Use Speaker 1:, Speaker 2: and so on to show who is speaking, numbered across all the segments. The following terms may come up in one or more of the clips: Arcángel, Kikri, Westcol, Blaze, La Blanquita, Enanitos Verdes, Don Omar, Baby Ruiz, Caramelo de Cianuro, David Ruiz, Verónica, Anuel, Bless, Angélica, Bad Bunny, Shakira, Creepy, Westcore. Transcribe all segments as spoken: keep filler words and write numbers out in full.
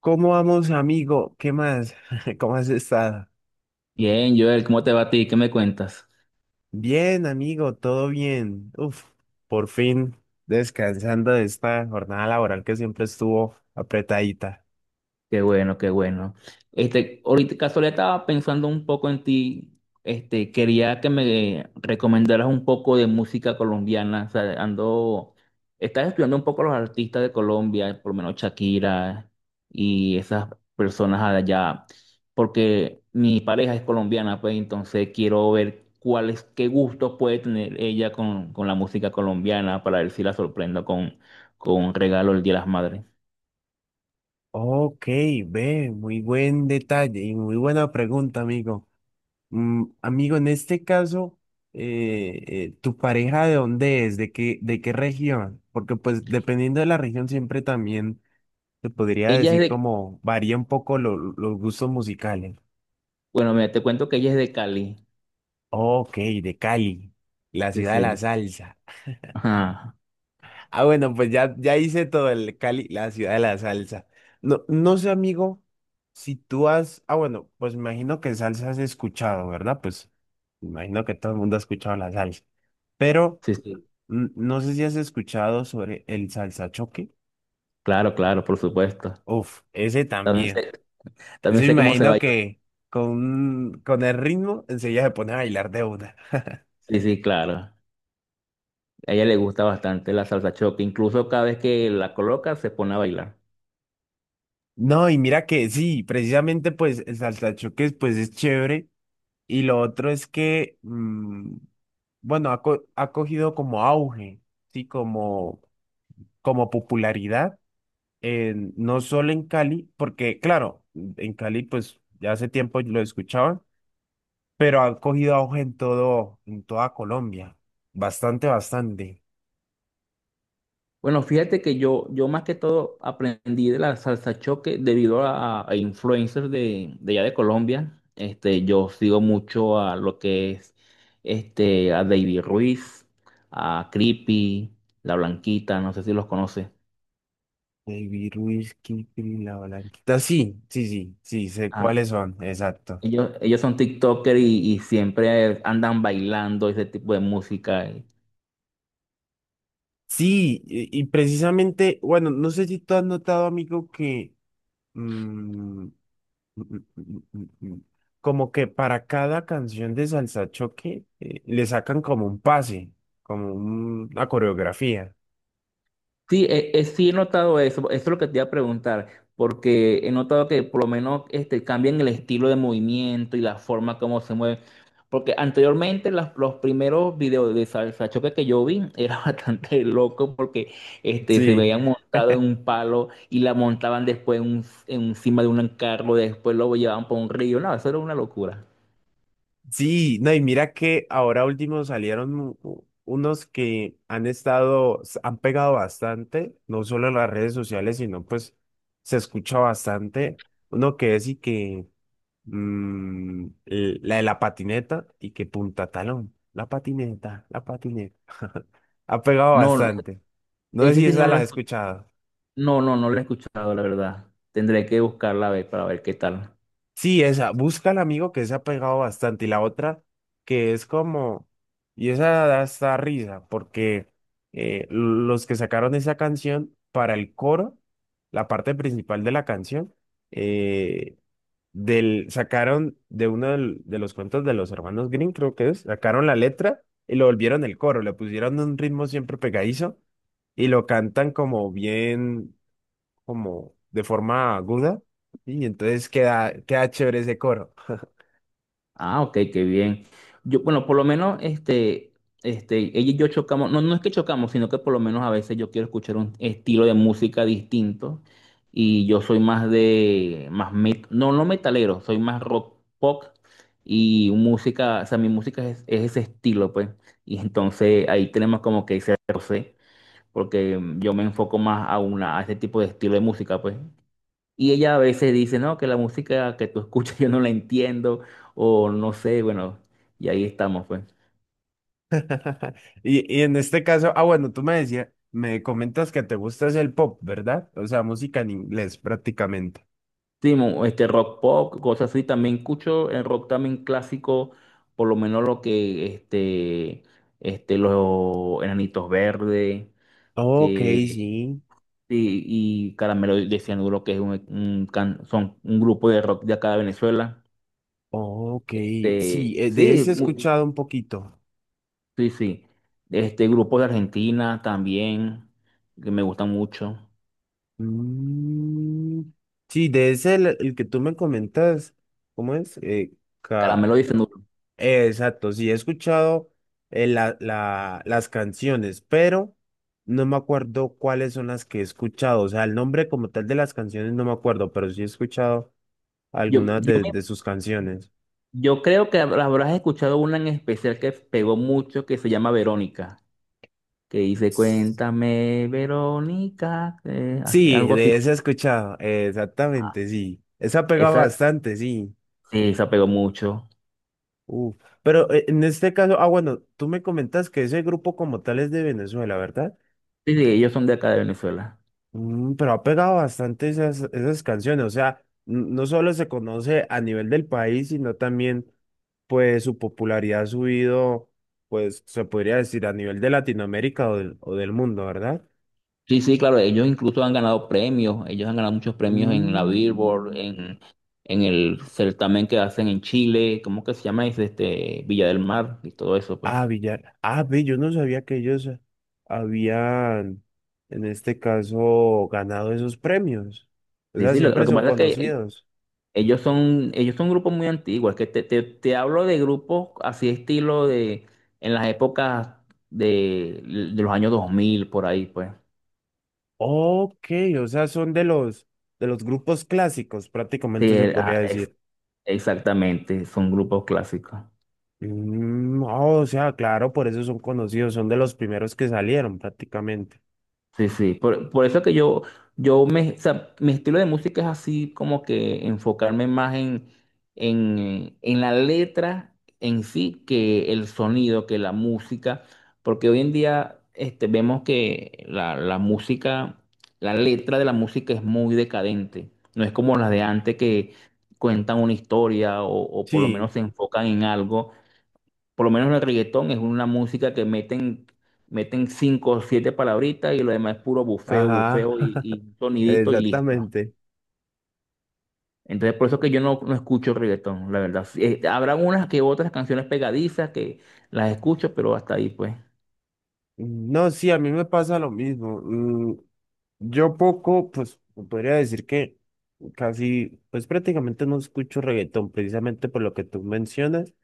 Speaker 1: ¿Cómo vamos, amigo? ¿Qué más? ¿Cómo has estado?
Speaker 2: Bien, Joel, ¿cómo te va a ti? ¿Qué me cuentas?
Speaker 1: Bien, amigo, todo bien. Uf, por fin descansando de esta jornada laboral que siempre estuvo apretadita.
Speaker 2: Qué bueno, qué bueno. Este, ahorita casualidad estaba pensando un poco en ti. Este, quería que me recomendaras un poco de música colombiana. O sea, ando, estás estudiando un poco los artistas de Colombia, por lo menos Shakira y esas personas allá, porque mi pareja es colombiana, pues entonces quiero ver cuáles, qué gustos puede tener ella con, con la música colombiana para ver si la sorprendo con, con un regalo el Día de las Madres.
Speaker 1: Ok, ve, muy buen detalle y muy buena pregunta, amigo. Mm, amigo, en este caso, eh, eh, ¿tu pareja de dónde es? ¿De qué, de qué región? Porque pues dependiendo de la región siempre también te podría
Speaker 2: Ella es
Speaker 1: decir
Speaker 2: de
Speaker 1: como varía un poco lo- los gustos musicales.
Speaker 2: Bueno, mira, te cuento que ella es de Cali.
Speaker 1: Ok, de Cali, la
Speaker 2: Sí,
Speaker 1: ciudad de la
Speaker 2: sí.
Speaker 1: salsa.
Speaker 2: Ajá.
Speaker 1: Ah, bueno, pues ya, ya hice todo el Cali, la ciudad de la salsa. No, no sé, amigo, si tú has... Ah, bueno, pues me imagino que salsa has escuchado, ¿verdad? Pues me imagino que todo el mundo ha escuchado la salsa. Pero
Speaker 2: Sí, sí.
Speaker 1: mm, no sé si has escuchado sobre el salsa choque.
Speaker 2: Claro, claro, por supuesto.
Speaker 1: Uf, ese
Speaker 2: También
Speaker 1: también.
Speaker 2: sé,
Speaker 1: Ese
Speaker 2: también
Speaker 1: me
Speaker 2: sé cómo se
Speaker 1: imagino
Speaker 2: baila.
Speaker 1: que con, con el ritmo enseguida se pone a bailar de una.
Speaker 2: Sí, sí, claro. A ella le gusta bastante la salsa choque. Incluso cada vez que la coloca se pone a bailar.
Speaker 1: No, y mira que sí, precisamente pues el saltachoques pues es chévere y lo otro es que, mm, bueno, ha, co- ha cogido como auge, sí, como, como popularidad, en- no solo en Cali, porque claro, en Cali pues ya hace tiempo lo escuchaban, pero ha cogido auge en todo, en toda Colombia, bastante, bastante.
Speaker 2: Bueno, fíjate que yo, yo más que todo aprendí de la salsa choque debido a, a influencers de, de allá de Colombia. Este, yo sigo mucho a lo que es este, a David Ruiz, a Creepy, La Blanquita, no sé si los conoces.
Speaker 1: Baby Ruiz, Kikri, La Blanquita, sí, sí, sí, sí, sé
Speaker 2: Ah,
Speaker 1: cuáles son, exacto.
Speaker 2: Ellos, ellos son TikTokers y, y siempre andan bailando ese tipo de música. eh.
Speaker 1: Sí, y y precisamente, bueno, no sé si tú has notado, amigo, que mm, mm, mm, mm, mm, mm, como que para cada canción de salsa choque eh, le sacan como un pase, como un- una coreografía.
Speaker 2: Sí, eh, eh, sí he notado eso. Eso es lo que te iba a preguntar, porque he notado que por lo menos este, cambian el estilo de movimiento y la forma como se mueven. Porque anteriormente las- los primeros videos de salsa choque que yo vi era bastante loco porque este, se
Speaker 1: Sí,
Speaker 2: veían montados en un palo y la montaban después en un- en encima de un carro, después lo llevaban por un río. No, eso era una locura.
Speaker 1: sí, no, y mira que ahora último salieron u- u- unos que han estado, s- han pegado bastante, no solo en las redes sociales, sino pues se escucha bastante. Uno que es y que Mm, eh, la de la patineta y que punta talón. La patineta, la patineta. Ha pegado
Speaker 2: No,
Speaker 1: bastante. No sé
Speaker 2: ese
Speaker 1: si
Speaker 2: sí no
Speaker 1: esa
Speaker 2: lo
Speaker 1: la has
Speaker 2: he
Speaker 1: escuchado.
Speaker 2: no, no no la he escuchado, la verdad. Tendré que buscarla a ver para ver qué tal.
Speaker 1: Sí, esa, busca al amigo que se ha pegado bastante. Y la otra, que es como, y esa da hasta risa, porque eh, los que sacaron esa canción para el coro, la parte principal de la canción, eh, del, sacaron de uno del- de los cuentos de los hermanos Green, creo que es, sacaron la letra y lo volvieron el coro, le pusieron un ritmo siempre pegadizo y lo cantan como bien como de forma aguda y entonces queda, queda chévere ese coro.
Speaker 2: Ah, ok, qué bien. Yo, bueno, por lo menos, este, este, ella y yo chocamos. No, no es que chocamos, sino que por lo menos a veces yo quiero escuchar un estilo de música distinto. Y yo soy más de, más met, no, no metalero, soy más rock pop. Y música, o sea, mi música es, es ese estilo, pues. Y entonces ahí tenemos como que ese roce, porque yo me enfoco más a una, a ese tipo de estilo de música, pues. Y ella a veces dice, no, que la música que tú escuchas yo no la entiendo, o no sé, bueno, y ahí estamos, pues.
Speaker 1: Y, y en este caso, ah, bueno, tú me decías, me comentas que te gusta es el pop, ¿verdad? O sea, música en inglés prácticamente.
Speaker 2: Sí, mo- este rock pop, cosas así, también escucho el rock también clásico, por lo menos lo que, este, este, los Enanitos Verdes,
Speaker 1: Ok,
Speaker 2: que,
Speaker 1: sí.
Speaker 2: sí, y Caramelo de Cianuro, que es un, un can- son un grupo de rock de acá de Venezuela.
Speaker 1: Ok, sí,
Speaker 2: Este,
Speaker 1: eh, de
Speaker 2: sí,
Speaker 1: ese he
Speaker 2: mu-
Speaker 1: escuchado un poquito.
Speaker 2: sí, sí, este grupo de Argentina también, que me gustan mucho.
Speaker 1: Mm, sí, de ese el, el que tú me comentas, ¿cómo es? Eh,
Speaker 2: Caramelo de Cianuro.
Speaker 1: Eh, Exacto, sí, he escuchado eh, la- la- las canciones, pero no me acuerdo cuáles son las que he escuchado. O sea, el nombre como tal de las canciones no me acuerdo, pero sí he escuchado
Speaker 2: Yo,
Speaker 1: algunas
Speaker 2: yo,
Speaker 1: de,
Speaker 2: me-
Speaker 1: de sus canciones.
Speaker 2: yo creo que hab- habrás escuchado una en especial que pegó mucho que se llama Verónica, que dice, cuéntame, Verónica, eh, hace-
Speaker 1: Sí,
Speaker 2: algo así.
Speaker 1: de esa he escuchado, eh,
Speaker 2: Ah,
Speaker 1: exactamente, sí. Esa pega
Speaker 2: Esa,
Speaker 1: bastante, sí.
Speaker 2: sí, esa pegó mucho.
Speaker 1: Uf. Pero eh, en este caso, ah, bueno, tú me comentas que ese grupo como tal es de Venezuela, ¿verdad?
Speaker 2: Sí, sí, ellos son de acá de Venezuela.
Speaker 1: Mm, pero ha pegado bastante esas, esas canciones, o sea, n- no solo se conoce a nivel del país, sino también, pues, su popularidad ha subido, pues, se podría decir a nivel de Latinoamérica o del, o del mundo, ¿verdad?
Speaker 2: Sí, sí, claro, ellos incluso han ganado premios, ellos han ganado muchos premios en la Billboard,
Speaker 1: Mm.
Speaker 2: en, en el certamen que hacen en Chile, ¿cómo que se llama? Es este, Villa del Mar y todo eso, pues.
Speaker 1: Ah, Villar. Ah, ve, yo no sabía que ellos habían, en este caso, ganado esos premios. O
Speaker 2: Sí,
Speaker 1: sea,
Speaker 2: sí, lo, lo
Speaker 1: siempre
Speaker 2: que
Speaker 1: son
Speaker 2: pasa es que
Speaker 1: conocidos.
Speaker 2: Ellos son, ellos son grupos muy antiguos, es que te, te, te hablo de grupos así estilo de en las épocas de, de los años dos mil por ahí, pues.
Speaker 1: Ok, o sea, son de los, de los grupos clásicos,
Speaker 2: Sí,
Speaker 1: prácticamente se
Speaker 2: eh,
Speaker 1: podría
Speaker 2: ah, es-
Speaker 1: decir.
Speaker 2: exactamente, son grupos clásicos.
Speaker 1: Mm, oh, o sea, claro, por eso son conocidos, son de los primeros que salieron prácticamente.
Speaker 2: Sí, sí, por, por eso que yo, yo me, o sea, mi estilo de música es así como que enfocarme más en, en, en la letra en sí que el sonido, que la música, porque hoy en día este, vemos que la, la música, la letra de la música es muy decadente, no es como las de antes que cuentan una historia o, o por lo
Speaker 1: Sí,
Speaker 2: menos se enfocan en algo. Por lo menos el reggaetón es una música que meten, meten cinco o siete palabritas y lo demás es puro bufeo,
Speaker 1: ajá,
Speaker 2: bufeo y, y sonidito y listo.
Speaker 1: exactamente.
Speaker 2: Entonces por eso que yo no, no escucho reggaetón, la verdad. Sí, eh, habrán unas que otras canciones pegadizas que las escucho, pero hasta ahí pues.
Speaker 1: No, sí, a mí me pasa lo mismo. Mm, yo poco, pues podría decir que casi, pues prácticamente no escucho reggaetón, precisamente por lo que tú mencionas.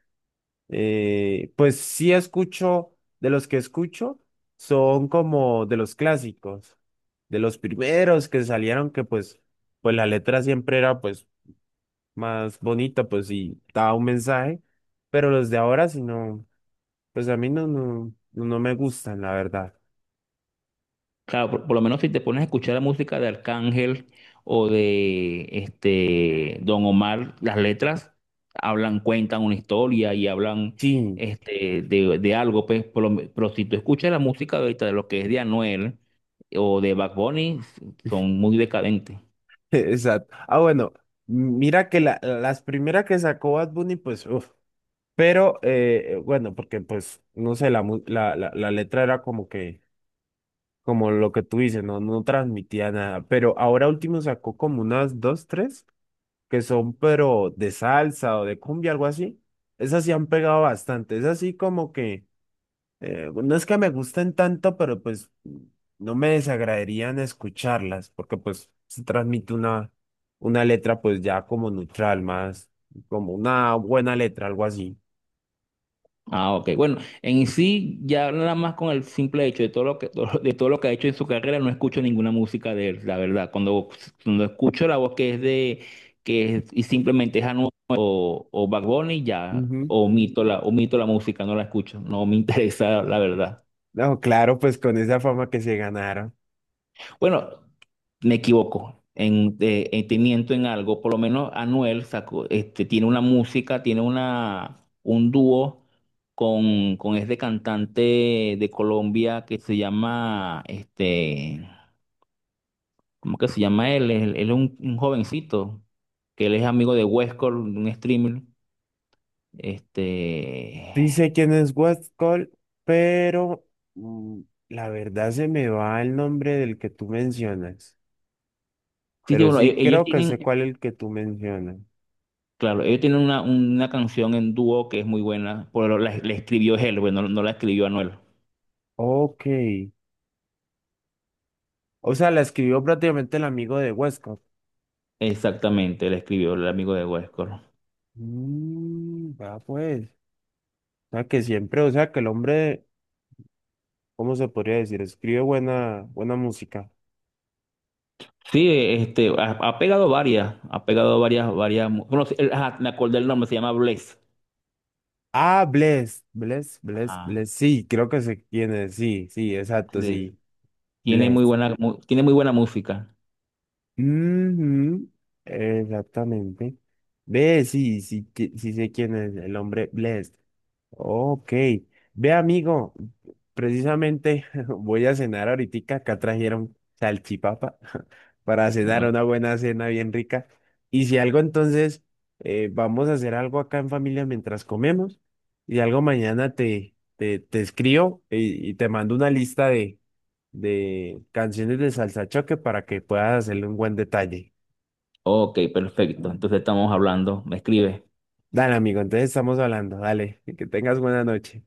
Speaker 1: Eh, pues sí escucho, de los que escucho, son como de los clásicos, de los primeros que salieron, que pues, pues la letra siempre era pues más bonita, pues y daba un mensaje, pero los de ahora sí no, pues a mí no, no, no no me gustan, la verdad.
Speaker 2: Claro, por, por lo menos si te pones a escuchar la música de Arcángel o de este Don Omar, las letras hablan, cuentan una historia y hablan
Speaker 1: Sí,
Speaker 2: este, de, de algo, pues. Por lo me- pero si tú escuchas la música ahorita de lo que es de Anuel o de Bad Bunny, son muy decadentes.
Speaker 1: exacto. Ah, bueno, mira que la, las primeras que sacó Bad Bunny, pues, uff, pero eh, bueno, porque pues, no sé, la, mu- la, la la letra era como que como lo que tú dices, no, no transmitía nada, pero ahora último sacó como unas dos, tres, que son pero de salsa o de cumbia, algo así. Esas sí han pegado bastante, es así como que, eh, no es que me gusten tanto, pero pues no me desagradarían escucharlas, porque pues se transmite una, una letra pues ya como neutral, más como una buena letra, algo así.
Speaker 2: Ah, ok. Bueno, en sí, ya nada más con el simple hecho de todo lo que, de todo lo que ha hecho en su carrera, no escucho ninguna música de él, la verdad. Cuando, cuando escucho la voz que es de, que es, y simplemente es Anuel o, o Bad Bunny, ya
Speaker 1: Ujú.
Speaker 2: omito la, omito la música, no la escucho, no me interesa, la verdad.
Speaker 1: No, claro, pues con esa fama que se ganaron.
Speaker 2: Bueno, me equivoco en, eh, eh, te miento en algo. Por lo menos Anuel sacó, este, tiene una música, tiene una, un dúo con, con este cantante de Colombia que se llama, este, ¿cómo que se llama él? Él, él es un, un jovencito, que él es amigo de Westcore, un streamer. Este,
Speaker 1: Sí sé quién es Westcol, pero mm, la verdad se me va el nombre del que tú mencionas.
Speaker 2: sí, sí,
Speaker 1: Pero
Speaker 2: bueno, e-
Speaker 1: sí
Speaker 2: ellos
Speaker 1: creo que
Speaker 2: tienen,
Speaker 1: sé cuál es el que tú mencionas.
Speaker 2: claro, ellos tienen una, una canción en dúo que es muy buena, pero la, la escribió él, bueno, no no la escribió Anuel.
Speaker 1: Ok. O sea, la escribió prácticamente el amigo de Westcol.
Speaker 2: Exactamente, le escribió el amigo de Westcor.
Speaker 1: Mm, va pues. O sea, que siempre, o sea, que el hombre, ¿cómo se podría decir? Escribe buena, buena música.
Speaker 2: Sí, este, ha, ha pegado varias, ha pegado varias, varias. mu- Bueno, sí, el- ajá, me acordé el nombre, se llama Blaze.
Speaker 1: Ah, Bless, Bless, Bless,
Speaker 2: Ah,
Speaker 1: Bless. Sí, creo que sé quién es. Sí, sí, exacto,
Speaker 2: sí.
Speaker 1: sí.
Speaker 2: Tiene muy
Speaker 1: Bless.
Speaker 2: buena, mu- tiene muy buena música.
Speaker 1: Ujú, exactamente. Ve, sí, sí, que- sí sé quién es el hombre Blessed. Ok. Ve, amigo, precisamente voy a cenar ahorita. Acá trajeron salchipapa para cenar
Speaker 2: Ah,
Speaker 1: una buena cena bien rica. Y si algo, entonces, eh, vamos a hacer algo acá en familia mientras comemos. Y algo mañana te, te, te escribo y, y te mando una lista de de canciones de salsa choque para que puedas hacerle un buen detalle.
Speaker 2: Ok, perfecto. Entonces estamos hablando. Me escribe.
Speaker 1: Dale, amigo, entonces estamos hablando. Dale, que tengas buena noche.